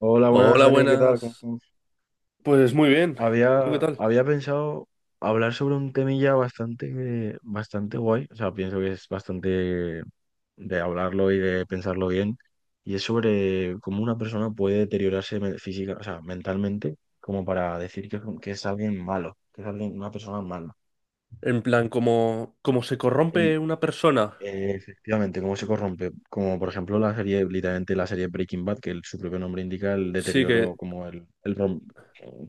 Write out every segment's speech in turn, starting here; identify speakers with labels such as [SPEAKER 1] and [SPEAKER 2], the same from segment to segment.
[SPEAKER 1] Hola, buenas,
[SPEAKER 2] Hola,
[SPEAKER 1] Dani, ¿qué tal? ¿Cómo
[SPEAKER 2] buenas.
[SPEAKER 1] estamos?
[SPEAKER 2] Pues muy bien. ¿Tú qué
[SPEAKER 1] Había,
[SPEAKER 2] tal?
[SPEAKER 1] había pensado hablar sobre un temilla bastante, bastante guay, o sea, pienso que es bastante de hablarlo y de pensarlo bien, y es sobre cómo una persona puede deteriorarse física, o sea, mentalmente, como para decir que es alguien malo, que es alguien, una persona mala.
[SPEAKER 2] En plan, como se corrompe una persona.
[SPEAKER 1] Efectivamente, cómo se corrompe, como por ejemplo la serie, literalmente la serie Breaking Bad, que su propio nombre indica el
[SPEAKER 2] Sí
[SPEAKER 1] deterioro,
[SPEAKER 2] que,
[SPEAKER 1] como el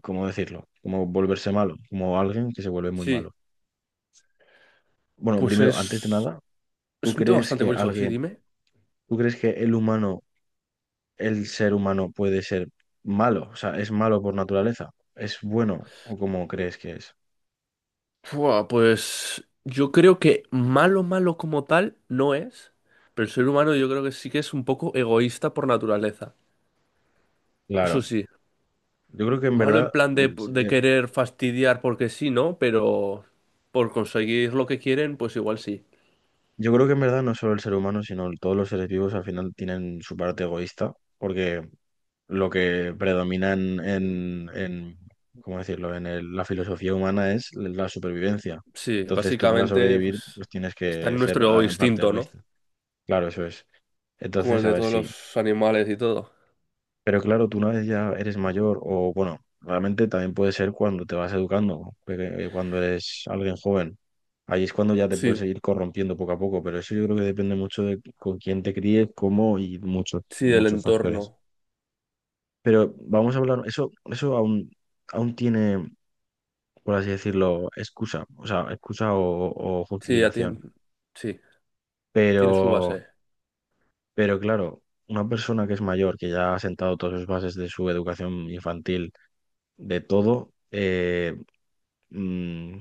[SPEAKER 1] ¿cómo decirlo? Como volverse malo, como alguien que se vuelve muy
[SPEAKER 2] sí.
[SPEAKER 1] malo. Bueno,
[SPEAKER 2] Pues
[SPEAKER 1] primero, antes de
[SPEAKER 2] es,
[SPEAKER 1] nada,
[SPEAKER 2] es
[SPEAKER 1] ¿tú
[SPEAKER 2] un tema
[SPEAKER 1] crees
[SPEAKER 2] bastante
[SPEAKER 1] que
[SPEAKER 2] curioso, sí,
[SPEAKER 1] alguien,
[SPEAKER 2] dime.
[SPEAKER 1] tú crees que el humano, el ser humano puede ser malo? O sea, ¿es malo por naturaleza? ¿Es bueno o cómo crees que es?
[SPEAKER 2] Fua, pues yo creo que malo, malo como tal no es, pero el ser humano yo creo que sí que es un poco egoísta por naturaleza. Eso
[SPEAKER 1] Claro,
[SPEAKER 2] sí,
[SPEAKER 1] yo creo que en
[SPEAKER 2] malo en
[SPEAKER 1] verdad,
[SPEAKER 2] plan de
[SPEAKER 1] eh,
[SPEAKER 2] querer fastidiar porque sí, ¿no? Pero por conseguir lo que quieren, pues igual sí.
[SPEAKER 1] yo creo que en verdad no solo el ser humano, sino todos los seres vivos al final tienen su parte egoísta, porque lo que predomina ¿cómo decirlo? La filosofía humana es la supervivencia.
[SPEAKER 2] Sí,
[SPEAKER 1] Entonces tú para
[SPEAKER 2] básicamente,
[SPEAKER 1] sobrevivir
[SPEAKER 2] pues
[SPEAKER 1] pues tienes
[SPEAKER 2] está
[SPEAKER 1] que
[SPEAKER 2] en
[SPEAKER 1] ser
[SPEAKER 2] nuestro
[SPEAKER 1] en parte
[SPEAKER 2] instinto, ¿no?
[SPEAKER 1] egoísta. Claro, eso es.
[SPEAKER 2] Como
[SPEAKER 1] Entonces,
[SPEAKER 2] el
[SPEAKER 1] a
[SPEAKER 2] de
[SPEAKER 1] ver,
[SPEAKER 2] todos
[SPEAKER 1] sí.
[SPEAKER 2] los animales y todo.
[SPEAKER 1] Pero claro, tú una vez ya eres mayor o bueno, realmente también puede ser cuando te vas educando, porque, cuando eres alguien joven. Ahí es cuando ya te puedes
[SPEAKER 2] Sí,
[SPEAKER 1] ir corrompiendo poco a poco, pero eso yo creo que depende mucho de con quién te críes, cómo y muchos,
[SPEAKER 2] sí, el
[SPEAKER 1] muchos factores.
[SPEAKER 2] entorno.
[SPEAKER 1] Pero vamos a hablar, eso aún tiene, por así decirlo, excusa, o sea, excusa o
[SPEAKER 2] Sí, ya tiene,
[SPEAKER 1] justificación.
[SPEAKER 2] sí, tiene su
[SPEAKER 1] Pero,
[SPEAKER 2] base.
[SPEAKER 1] pero claro, una persona que es mayor, que ya ha sentado todas las bases de su educación infantil, de todo, mm,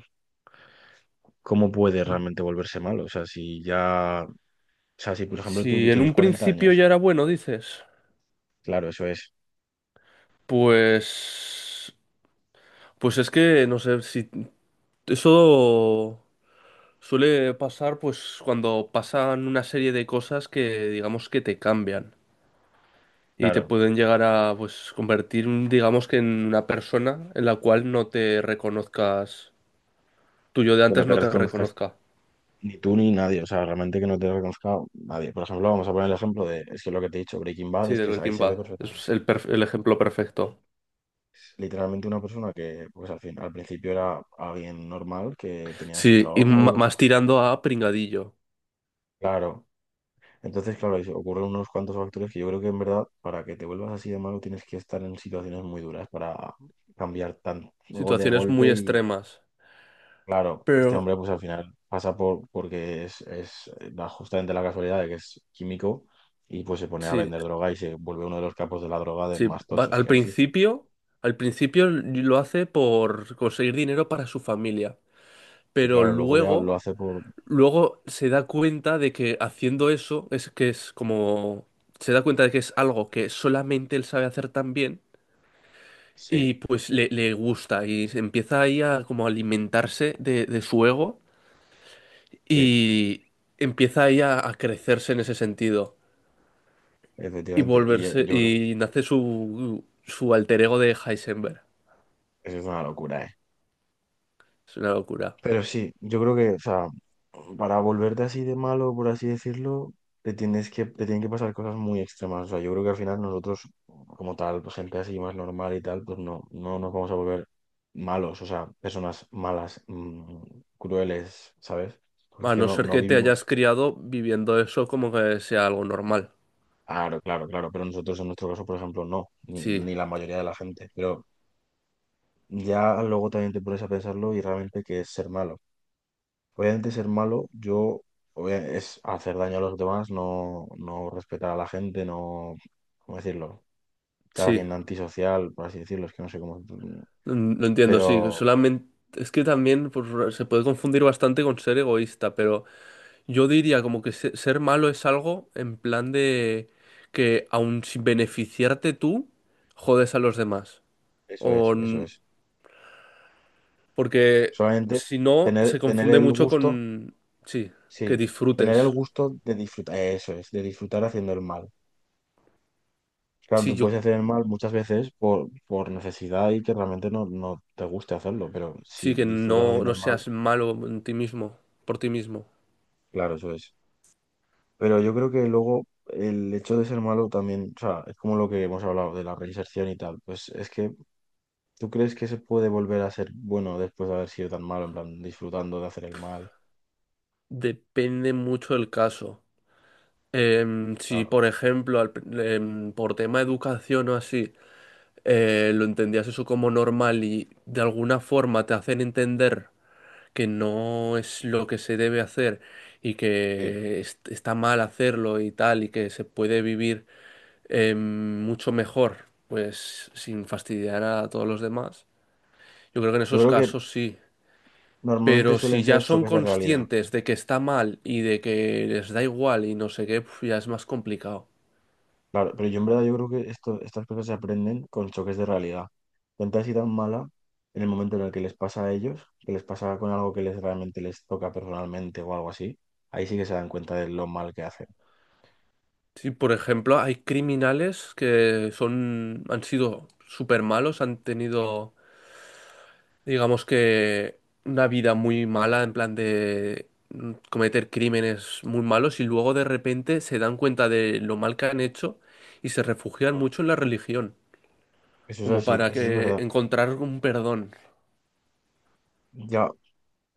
[SPEAKER 1] ¿cómo puede realmente volverse malo? O sea, si ya, o sea, si por ejemplo tú
[SPEAKER 2] Si en
[SPEAKER 1] tienes
[SPEAKER 2] un
[SPEAKER 1] 40
[SPEAKER 2] principio
[SPEAKER 1] años,
[SPEAKER 2] ya era bueno, dices,
[SPEAKER 1] claro, eso es,
[SPEAKER 2] pues, pues es que no sé si eso suele pasar, pues cuando pasan una serie de cosas que digamos que te cambian. Y te
[SPEAKER 1] claro,
[SPEAKER 2] pueden llegar a pues convertir, digamos que en una persona en la cual no te reconozcas, tu yo de
[SPEAKER 1] que no
[SPEAKER 2] antes
[SPEAKER 1] te
[SPEAKER 2] no te
[SPEAKER 1] reconozcas
[SPEAKER 2] reconozca.
[SPEAKER 1] ni tú ni nadie, o sea, realmente que no te reconozca nadie. Por ejemplo, vamos a poner el ejemplo de, es que lo que te he dicho, Breaking Bad,
[SPEAKER 2] Sí,
[SPEAKER 1] es
[SPEAKER 2] del
[SPEAKER 1] que ahí
[SPEAKER 2] Breaking
[SPEAKER 1] se ve
[SPEAKER 2] Bad.
[SPEAKER 1] perfectamente.
[SPEAKER 2] Es el ejemplo perfecto.
[SPEAKER 1] Es literalmente una persona que, pues al principio era alguien normal, que tenía su
[SPEAKER 2] Sí, y
[SPEAKER 1] trabajo,
[SPEAKER 2] más tirando a pringadillo.
[SPEAKER 1] claro. Entonces, claro, ahí se ocurren unos cuantos factores que yo creo que en verdad, para que te vuelvas así de malo, tienes que estar en situaciones muy duras para cambiar tan, luego de
[SPEAKER 2] Situaciones
[SPEAKER 1] golpe
[SPEAKER 2] muy
[SPEAKER 1] y
[SPEAKER 2] extremas.
[SPEAKER 1] claro, este
[SPEAKER 2] Pero
[SPEAKER 1] hombre pues al final pasa por porque es justamente la casualidad de que es químico y pues se pone a
[SPEAKER 2] sí,
[SPEAKER 1] vender droga y se vuelve uno de los capos de la droga de
[SPEAKER 2] sí.
[SPEAKER 1] más tochos
[SPEAKER 2] Al
[SPEAKER 1] que existen.
[SPEAKER 2] principio, al principio lo hace por conseguir dinero para su familia.
[SPEAKER 1] Pero
[SPEAKER 2] Pero
[SPEAKER 1] claro, luego ya lo
[SPEAKER 2] luego
[SPEAKER 1] hace por...
[SPEAKER 2] Luego se da cuenta de que haciendo eso es que es como... Se da cuenta de que es algo que solamente él sabe hacer tan bien
[SPEAKER 1] Sí,
[SPEAKER 2] y pues le gusta y se empieza ahí a como alimentarse de su ego
[SPEAKER 1] sí,
[SPEAKER 2] y empieza ahí a crecerse en ese sentido y
[SPEAKER 1] efectivamente. Y
[SPEAKER 2] volverse
[SPEAKER 1] yo creo que
[SPEAKER 2] y nace su alter ego de Heisenberg.
[SPEAKER 1] eso es una locura, ¿eh?
[SPEAKER 2] Es una locura.
[SPEAKER 1] Pero sí, yo creo que, o sea, para volverte así de malo, por así decirlo, te tienen que pasar cosas muy extremas. O sea, yo creo que al final nosotros, como tal, pues, gente así más normal y tal, pues no, no nos vamos a volver malos, o sea, personas malas, crueles, ¿sabes? Porque es
[SPEAKER 2] A
[SPEAKER 1] que
[SPEAKER 2] no
[SPEAKER 1] no,
[SPEAKER 2] ser
[SPEAKER 1] no
[SPEAKER 2] que te hayas
[SPEAKER 1] vivimos.
[SPEAKER 2] criado viviendo eso como que sea algo normal.
[SPEAKER 1] Claro, claro, claro, pero nosotros en nuestro caso, por ejemplo, no,
[SPEAKER 2] Sí,
[SPEAKER 1] ni la mayoría de la gente. Pero ya luego también te pones a pensarlo y realmente qué es ser malo. Obviamente ser malo, es hacer daño a los demás, no, no respetar a la gente, no, ¿cómo decirlo? Ser
[SPEAKER 2] sí.
[SPEAKER 1] alguien antisocial, por así decirlo, es que no sé cómo.
[SPEAKER 2] Lo entiendo, sí.
[SPEAKER 1] Pero
[SPEAKER 2] Solamente es que también pues, se puede confundir bastante con ser egoísta, pero yo diría como que ser malo es algo en plan de que aun sin beneficiarte tú, jodes a los demás.
[SPEAKER 1] eso es,
[SPEAKER 2] O
[SPEAKER 1] eso
[SPEAKER 2] n-
[SPEAKER 1] es.
[SPEAKER 2] porque
[SPEAKER 1] Solamente
[SPEAKER 2] si no,
[SPEAKER 1] tener,
[SPEAKER 2] se
[SPEAKER 1] tener
[SPEAKER 2] confunde
[SPEAKER 1] el
[SPEAKER 2] mucho
[SPEAKER 1] gusto,
[SPEAKER 2] con sí, que
[SPEAKER 1] sí, tener el
[SPEAKER 2] disfrutes.
[SPEAKER 1] gusto de disfrutar, eso es, de disfrutar haciendo el mal. Claro,
[SPEAKER 2] Sí,
[SPEAKER 1] tú
[SPEAKER 2] yo
[SPEAKER 1] puedes hacer el mal muchas veces por necesidad y que realmente no, no te guste hacerlo, pero
[SPEAKER 2] sí
[SPEAKER 1] si
[SPEAKER 2] que
[SPEAKER 1] disfrutas
[SPEAKER 2] no,
[SPEAKER 1] haciendo
[SPEAKER 2] no
[SPEAKER 1] el mal,
[SPEAKER 2] seas malo en ti mismo, por ti mismo.
[SPEAKER 1] claro, eso es. Pero yo creo que luego el hecho de ser malo también, o sea, es como lo que hemos hablado de la reinserción y tal, pues es que tú crees que se puede volver a ser bueno después de haber sido tan malo, en plan, disfrutando de hacer el mal.
[SPEAKER 2] Depende mucho del caso. Si,
[SPEAKER 1] Claro.
[SPEAKER 2] por ejemplo, por tema de educación o así, lo entendías eso como normal y de alguna forma te hacen entender que no es lo que se debe hacer y
[SPEAKER 1] Sí.
[SPEAKER 2] que está mal hacerlo y tal, y que se puede vivir mucho mejor, pues sin fastidiar a todos los demás. Yo creo que en
[SPEAKER 1] Yo
[SPEAKER 2] esos
[SPEAKER 1] creo que
[SPEAKER 2] casos sí.
[SPEAKER 1] normalmente
[SPEAKER 2] Pero
[SPEAKER 1] suelen
[SPEAKER 2] si ya
[SPEAKER 1] ser
[SPEAKER 2] son
[SPEAKER 1] choques de realidad,
[SPEAKER 2] conscientes de que está mal y de que les da igual y no sé qué, pf, ya es más complicado.
[SPEAKER 1] claro, pero yo en verdad yo creo que esto, estas cosas se aprenden con choques de realidad. Gente así tan mala, en el momento en el que les pasa a ellos, que les pasa con algo que les realmente les toca personalmente o algo así, ahí sí que se dan cuenta de lo mal que hacen.
[SPEAKER 2] Sí, por ejemplo, hay criminales que son, han sido súper malos, han tenido, digamos que, una vida muy mala, en plan de cometer crímenes muy malos y luego de repente se dan cuenta de lo mal que han hecho y se refugian
[SPEAKER 1] Mm.
[SPEAKER 2] mucho en la religión,
[SPEAKER 1] Eso es
[SPEAKER 2] como
[SPEAKER 1] así,
[SPEAKER 2] para
[SPEAKER 1] eso es
[SPEAKER 2] que
[SPEAKER 1] verdad.
[SPEAKER 2] encontrar un perdón.
[SPEAKER 1] Ya,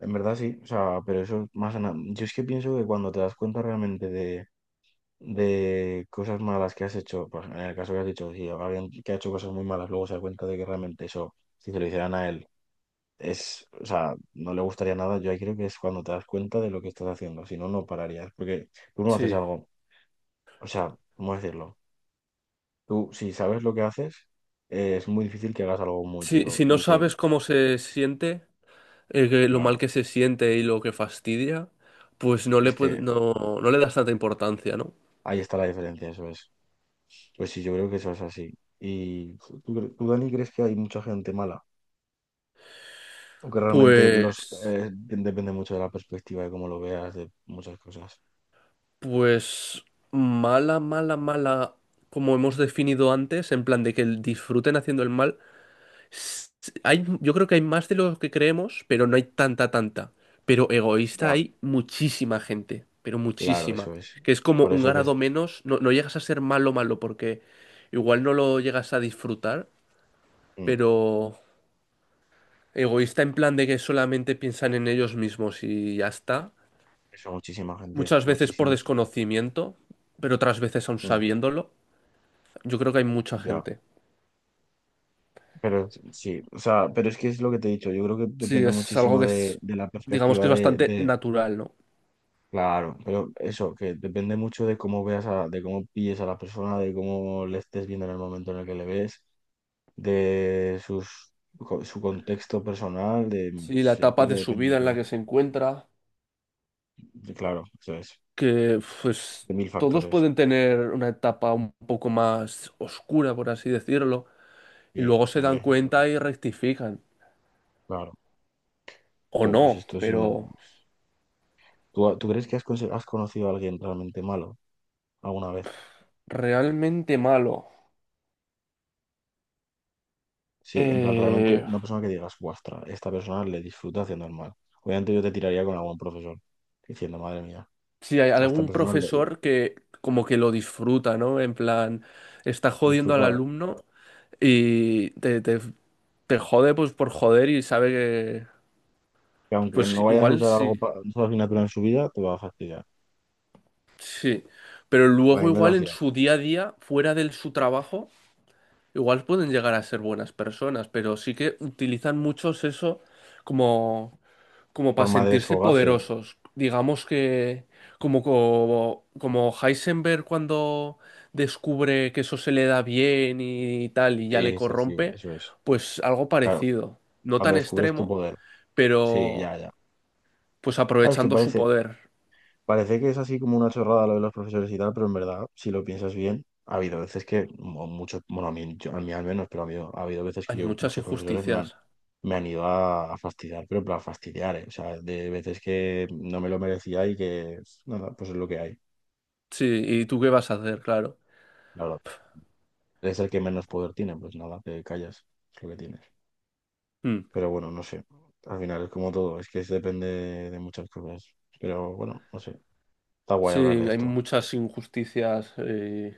[SPEAKER 1] en verdad sí, o sea, pero eso más... nada. Yo es que pienso que cuando te das cuenta realmente de cosas malas que has hecho, pues en el caso que has dicho, si alguien que ha hecho cosas muy malas luego se da cuenta de que realmente eso, si se lo hicieran a él, es, o sea, no le gustaría nada, yo ahí creo que es cuando te das cuenta de lo que estás haciendo, si no, no pararías, porque tú no haces
[SPEAKER 2] Sí.
[SPEAKER 1] algo, o sea, ¿cómo decirlo? Tú, si sabes lo que haces, es muy difícil que hagas algo muy
[SPEAKER 2] Si,
[SPEAKER 1] duro
[SPEAKER 2] si no
[SPEAKER 1] y que,
[SPEAKER 2] sabes cómo se siente, que lo mal
[SPEAKER 1] claro,
[SPEAKER 2] que se siente y lo que fastidia, pues
[SPEAKER 1] es que
[SPEAKER 2] no le das tanta importancia, ¿no?
[SPEAKER 1] ahí está la diferencia, eso es. Pues sí, yo creo que eso es así. ¿Y tú, tú, Dani, crees que hay mucha gente mala? ¿O que realmente los
[SPEAKER 2] Pues,
[SPEAKER 1] depende mucho de la perspectiva, de cómo lo veas, de muchas cosas?
[SPEAKER 2] pues mala, mala, mala, como hemos definido antes, en plan de que disfruten haciendo el mal. s- Hay, yo creo que hay más de lo que creemos, pero no hay tanta, tanta. Pero egoísta
[SPEAKER 1] Ya,
[SPEAKER 2] hay muchísima gente, pero
[SPEAKER 1] claro,
[SPEAKER 2] muchísima.
[SPEAKER 1] eso es.
[SPEAKER 2] Que es como
[SPEAKER 1] Por
[SPEAKER 2] un
[SPEAKER 1] eso que es,
[SPEAKER 2] grado menos, no, no llegas a ser malo, malo, porque igual no lo llegas a disfrutar,
[SPEAKER 1] mm,
[SPEAKER 2] pero egoísta en plan de que solamente piensan en ellos mismos y ya está.
[SPEAKER 1] eso muchísima gente, eso
[SPEAKER 2] Muchas veces por
[SPEAKER 1] muchísima.
[SPEAKER 2] desconocimiento, pero otras veces aún sabiéndolo. Yo creo que hay mucha
[SPEAKER 1] Ya,
[SPEAKER 2] gente.
[SPEAKER 1] pero sí, o sea, pero es que es lo que te he dicho, yo creo que
[SPEAKER 2] Sí,
[SPEAKER 1] depende
[SPEAKER 2] es algo
[SPEAKER 1] muchísimo
[SPEAKER 2] que es,
[SPEAKER 1] de la
[SPEAKER 2] digamos que
[SPEAKER 1] perspectiva
[SPEAKER 2] es bastante natural, ¿no?
[SPEAKER 1] Claro, pero eso, que depende mucho de cómo veas a, de cómo pilles a la persona, de cómo le estés viendo en el momento en el que le ves de sus, su contexto personal, de,
[SPEAKER 2] Sí, la
[SPEAKER 1] sí, yo
[SPEAKER 2] etapa
[SPEAKER 1] creo que
[SPEAKER 2] de su
[SPEAKER 1] depende de
[SPEAKER 2] vida en la
[SPEAKER 1] todo.
[SPEAKER 2] que se encuentra,
[SPEAKER 1] Y claro, eso es,
[SPEAKER 2] que pues
[SPEAKER 1] de mil
[SPEAKER 2] todos
[SPEAKER 1] factores.
[SPEAKER 2] pueden tener una etapa un poco más oscura, por así decirlo, y
[SPEAKER 1] Sí,
[SPEAKER 2] luego se dan
[SPEAKER 1] hombre, yo creo que...
[SPEAKER 2] cuenta y rectifican.
[SPEAKER 1] claro.
[SPEAKER 2] O
[SPEAKER 1] Jo, pues
[SPEAKER 2] no,
[SPEAKER 1] esto es...
[SPEAKER 2] pero
[SPEAKER 1] me lo... ¿Tú, tú crees que has, has conocido a alguien realmente malo alguna vez?
[SPEAKER 2] realmente malo.
[SPEAKER 1] Sí, en plan, realmente
[SPEAKER 2] Eh,
[SPEAKER 1] una persona que digas, guastra, esta persona le disfruta haciendo el mal. Obviamente yo te tiraría con algún profesor, diciendo, madre mía,
[SPEAKER 2] si hay
[SPEAKER 1] a esta
[SPEAKER 2] algún
[SPEAKER 1] persona le
[SPEAKER 2] profesor que como que lo disfruta, ¿no? En plan, está jodiendo al
[SPEAKER 1] disfruta,
[SPEAKER 2] alumno y te jode pues por joder y sabe que,
[SPEAKER 1] que aunque
[SPEAKER 2] pues
[SPEAKER 1] no vayas a
[SPEAKER 2] igual
[SPEAKER 1] usar algo
[SPEAKER 2] sí,
[SPEAKER 1] para una asignatura en su vida, te va a fastidiar.
[SPEAKER 2] sí. Pero
[SPEAKER 1] A
[SPEAKER 2] luego
[SPEAKER 1] mí me lo
[SPEAKER 2] igual en
[SPEAKER 1] hacían.
[SPEAKER 2] su día a día, fuera de su trabajo, igual pueden llegar a ser buenas personas, pero sí que utilizan muchos eso como... como para
[SPEAKER 1] Forma de
[SPEAKER 2] sentirse
[SPEAKER 1] desfogarse.
[SPEAKER 2] poderosos. Digamos que como Heisenberg cuando descubre que eso se le da bien y tal y ya le
[SPEAKER 1] Sí, sí, sí,
[SPEAKER 2] corrompe,
[SPEAKER 1] eso es.
[SPEAKER 2] pues algo
[SPEAKER 1] Claro,
[SPEAKER 2] parecido. No
[SPEAKER 1] cuando
[SPEAKER 2] tan
[SPEAKER 1] descubres tu
[SPEAKER 2] extremo,
[SPEAKER 1] poder. Sí,
[SPEAKER 2] pero
[SPEAKER 1] ya, ya.
[SPEAKER 2] pues
[SPEAKER 1] Claro, es que
[SPEAKER 2] aprovechando su
[SPEAKER 1] parece,
[SPEAKER 2] poder.
[SPEAKER 1] parece que es así como una chorrada lo de los profesores y tal, pero en verdad, si lo piensas bien, ha habido veces que, muchos, bueno, a mí, a mí al menos, pero ha habido veces que
[SPEAKER 2] Hay
[SPEAKER 1] yo,
[SPEAKER 2] muchas
[SPEAKER 1] muchos profesores
[SPEAKER 2] injusticias.
[SPEAKER 1] me han ido a fastidiar, pero para fastidiar, ¿eh? O sea, de veces que no me lo merecía y que, nada, pues es lo que hay.
[SPEAKER 2] Sí, ¿y tú qué vas a hacer? Claro.
[SPEAKER 1] Claro, eres el que menos poder tiene, pues nada, te callas, es lo que tienes.
[SPEAKER 2] Mm.
[SPEAKER 1] Pero bueno, no sé. Al final es como todo, es que se depende de muchas cosas. Pero bueno, no sé. Está guay
[SPEAKER 2] Sí,
[SPEAKER 1] hablar de
[SPEAKER 2] hay
[SPEAKER 1] esto.
[SPEAKER 2] muchas injusticias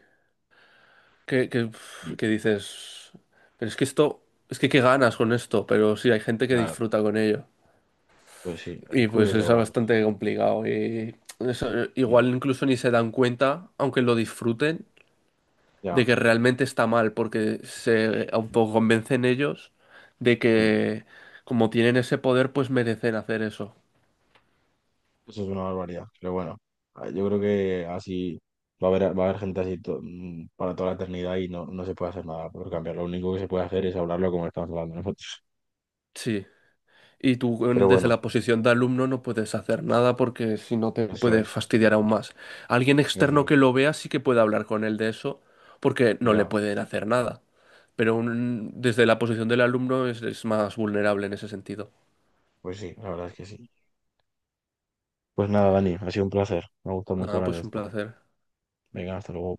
[SPEAKER 2] uf,
[SPEAKER 1] Mm.
[SPEAKER 2] que dices, pero es que esto, es que qué ganas con esto, pero sí, hay gente que
[SPEAKER 1] Claro,
[SPEAKER 2] disfruta con ello.
[SPEAKER 1] pues sí, es
[SPEAKER 2] Y pues eso
[SPEAKER 1] curioso
[SPEAKER 2] es
[SPEAKER 1] hablarlo. Sí.
[SPEAKER 2] bastante complicado. Y eso,
[SPEAKER 1] Mm,
[SPEAKER 2] igual incluso ni se dan cuenta, aunque lo disfruten, de
[SPEAKER 1] Ya,
[SPEAKER 2] que realmente está mal, porque se autoconvencen ellos de
[SPEAKER 1] mm,
[SPEAKER 2] que como tienen ese poder, pues merecen hacer eso.
[SPEAKER 1] Eso es una barbaridad. Pero bueno, yo creo que así va a haber gente así para toda la eternidad y no, no se puede hacer nada por cambiar. Lo único que se puede hacer es hablarlo como estamos hablando nosotros.
[SPEAKER 2] Sí. Y tú
[SPEAKER 1] Pero
[SPEAKER 2] desde
[SPEAKER 1] bueno,
[SPEAKER 2] la posición de alumno no puedes hacer nada porque si no te
[SPEAKER 1] eso
[SPEAKER 2] puede
[SPEAKER 1] es,
[SPEAKER 2] fastidiar aún más. Alguien
[SPEAKER 1] eso
[SPEAKER 2] externo que
[SPEAKER 1] es.
[SPEAKER 2] lo vea sí que puede hablar con él de eso porque no le
[SPEAKER 1] Ya,
[SPEAKER 2] pueden hacer nada. Pero desde la posición del alumno es más vulnerable en ese sentido.
[SPEAKER 1] pues sí, la verdad es que sí. Pues nada, Dani, ha sido un placer. Me ha gustado mucho
[SPEAKER 2] Nada,
[SPEAKER 1] hablar de
[SPEAKER 2] pues un
[SPEAKER 1] esto.
[SPEAKER 2] placer.
[SPEAKER 1] Venga, hasta luego.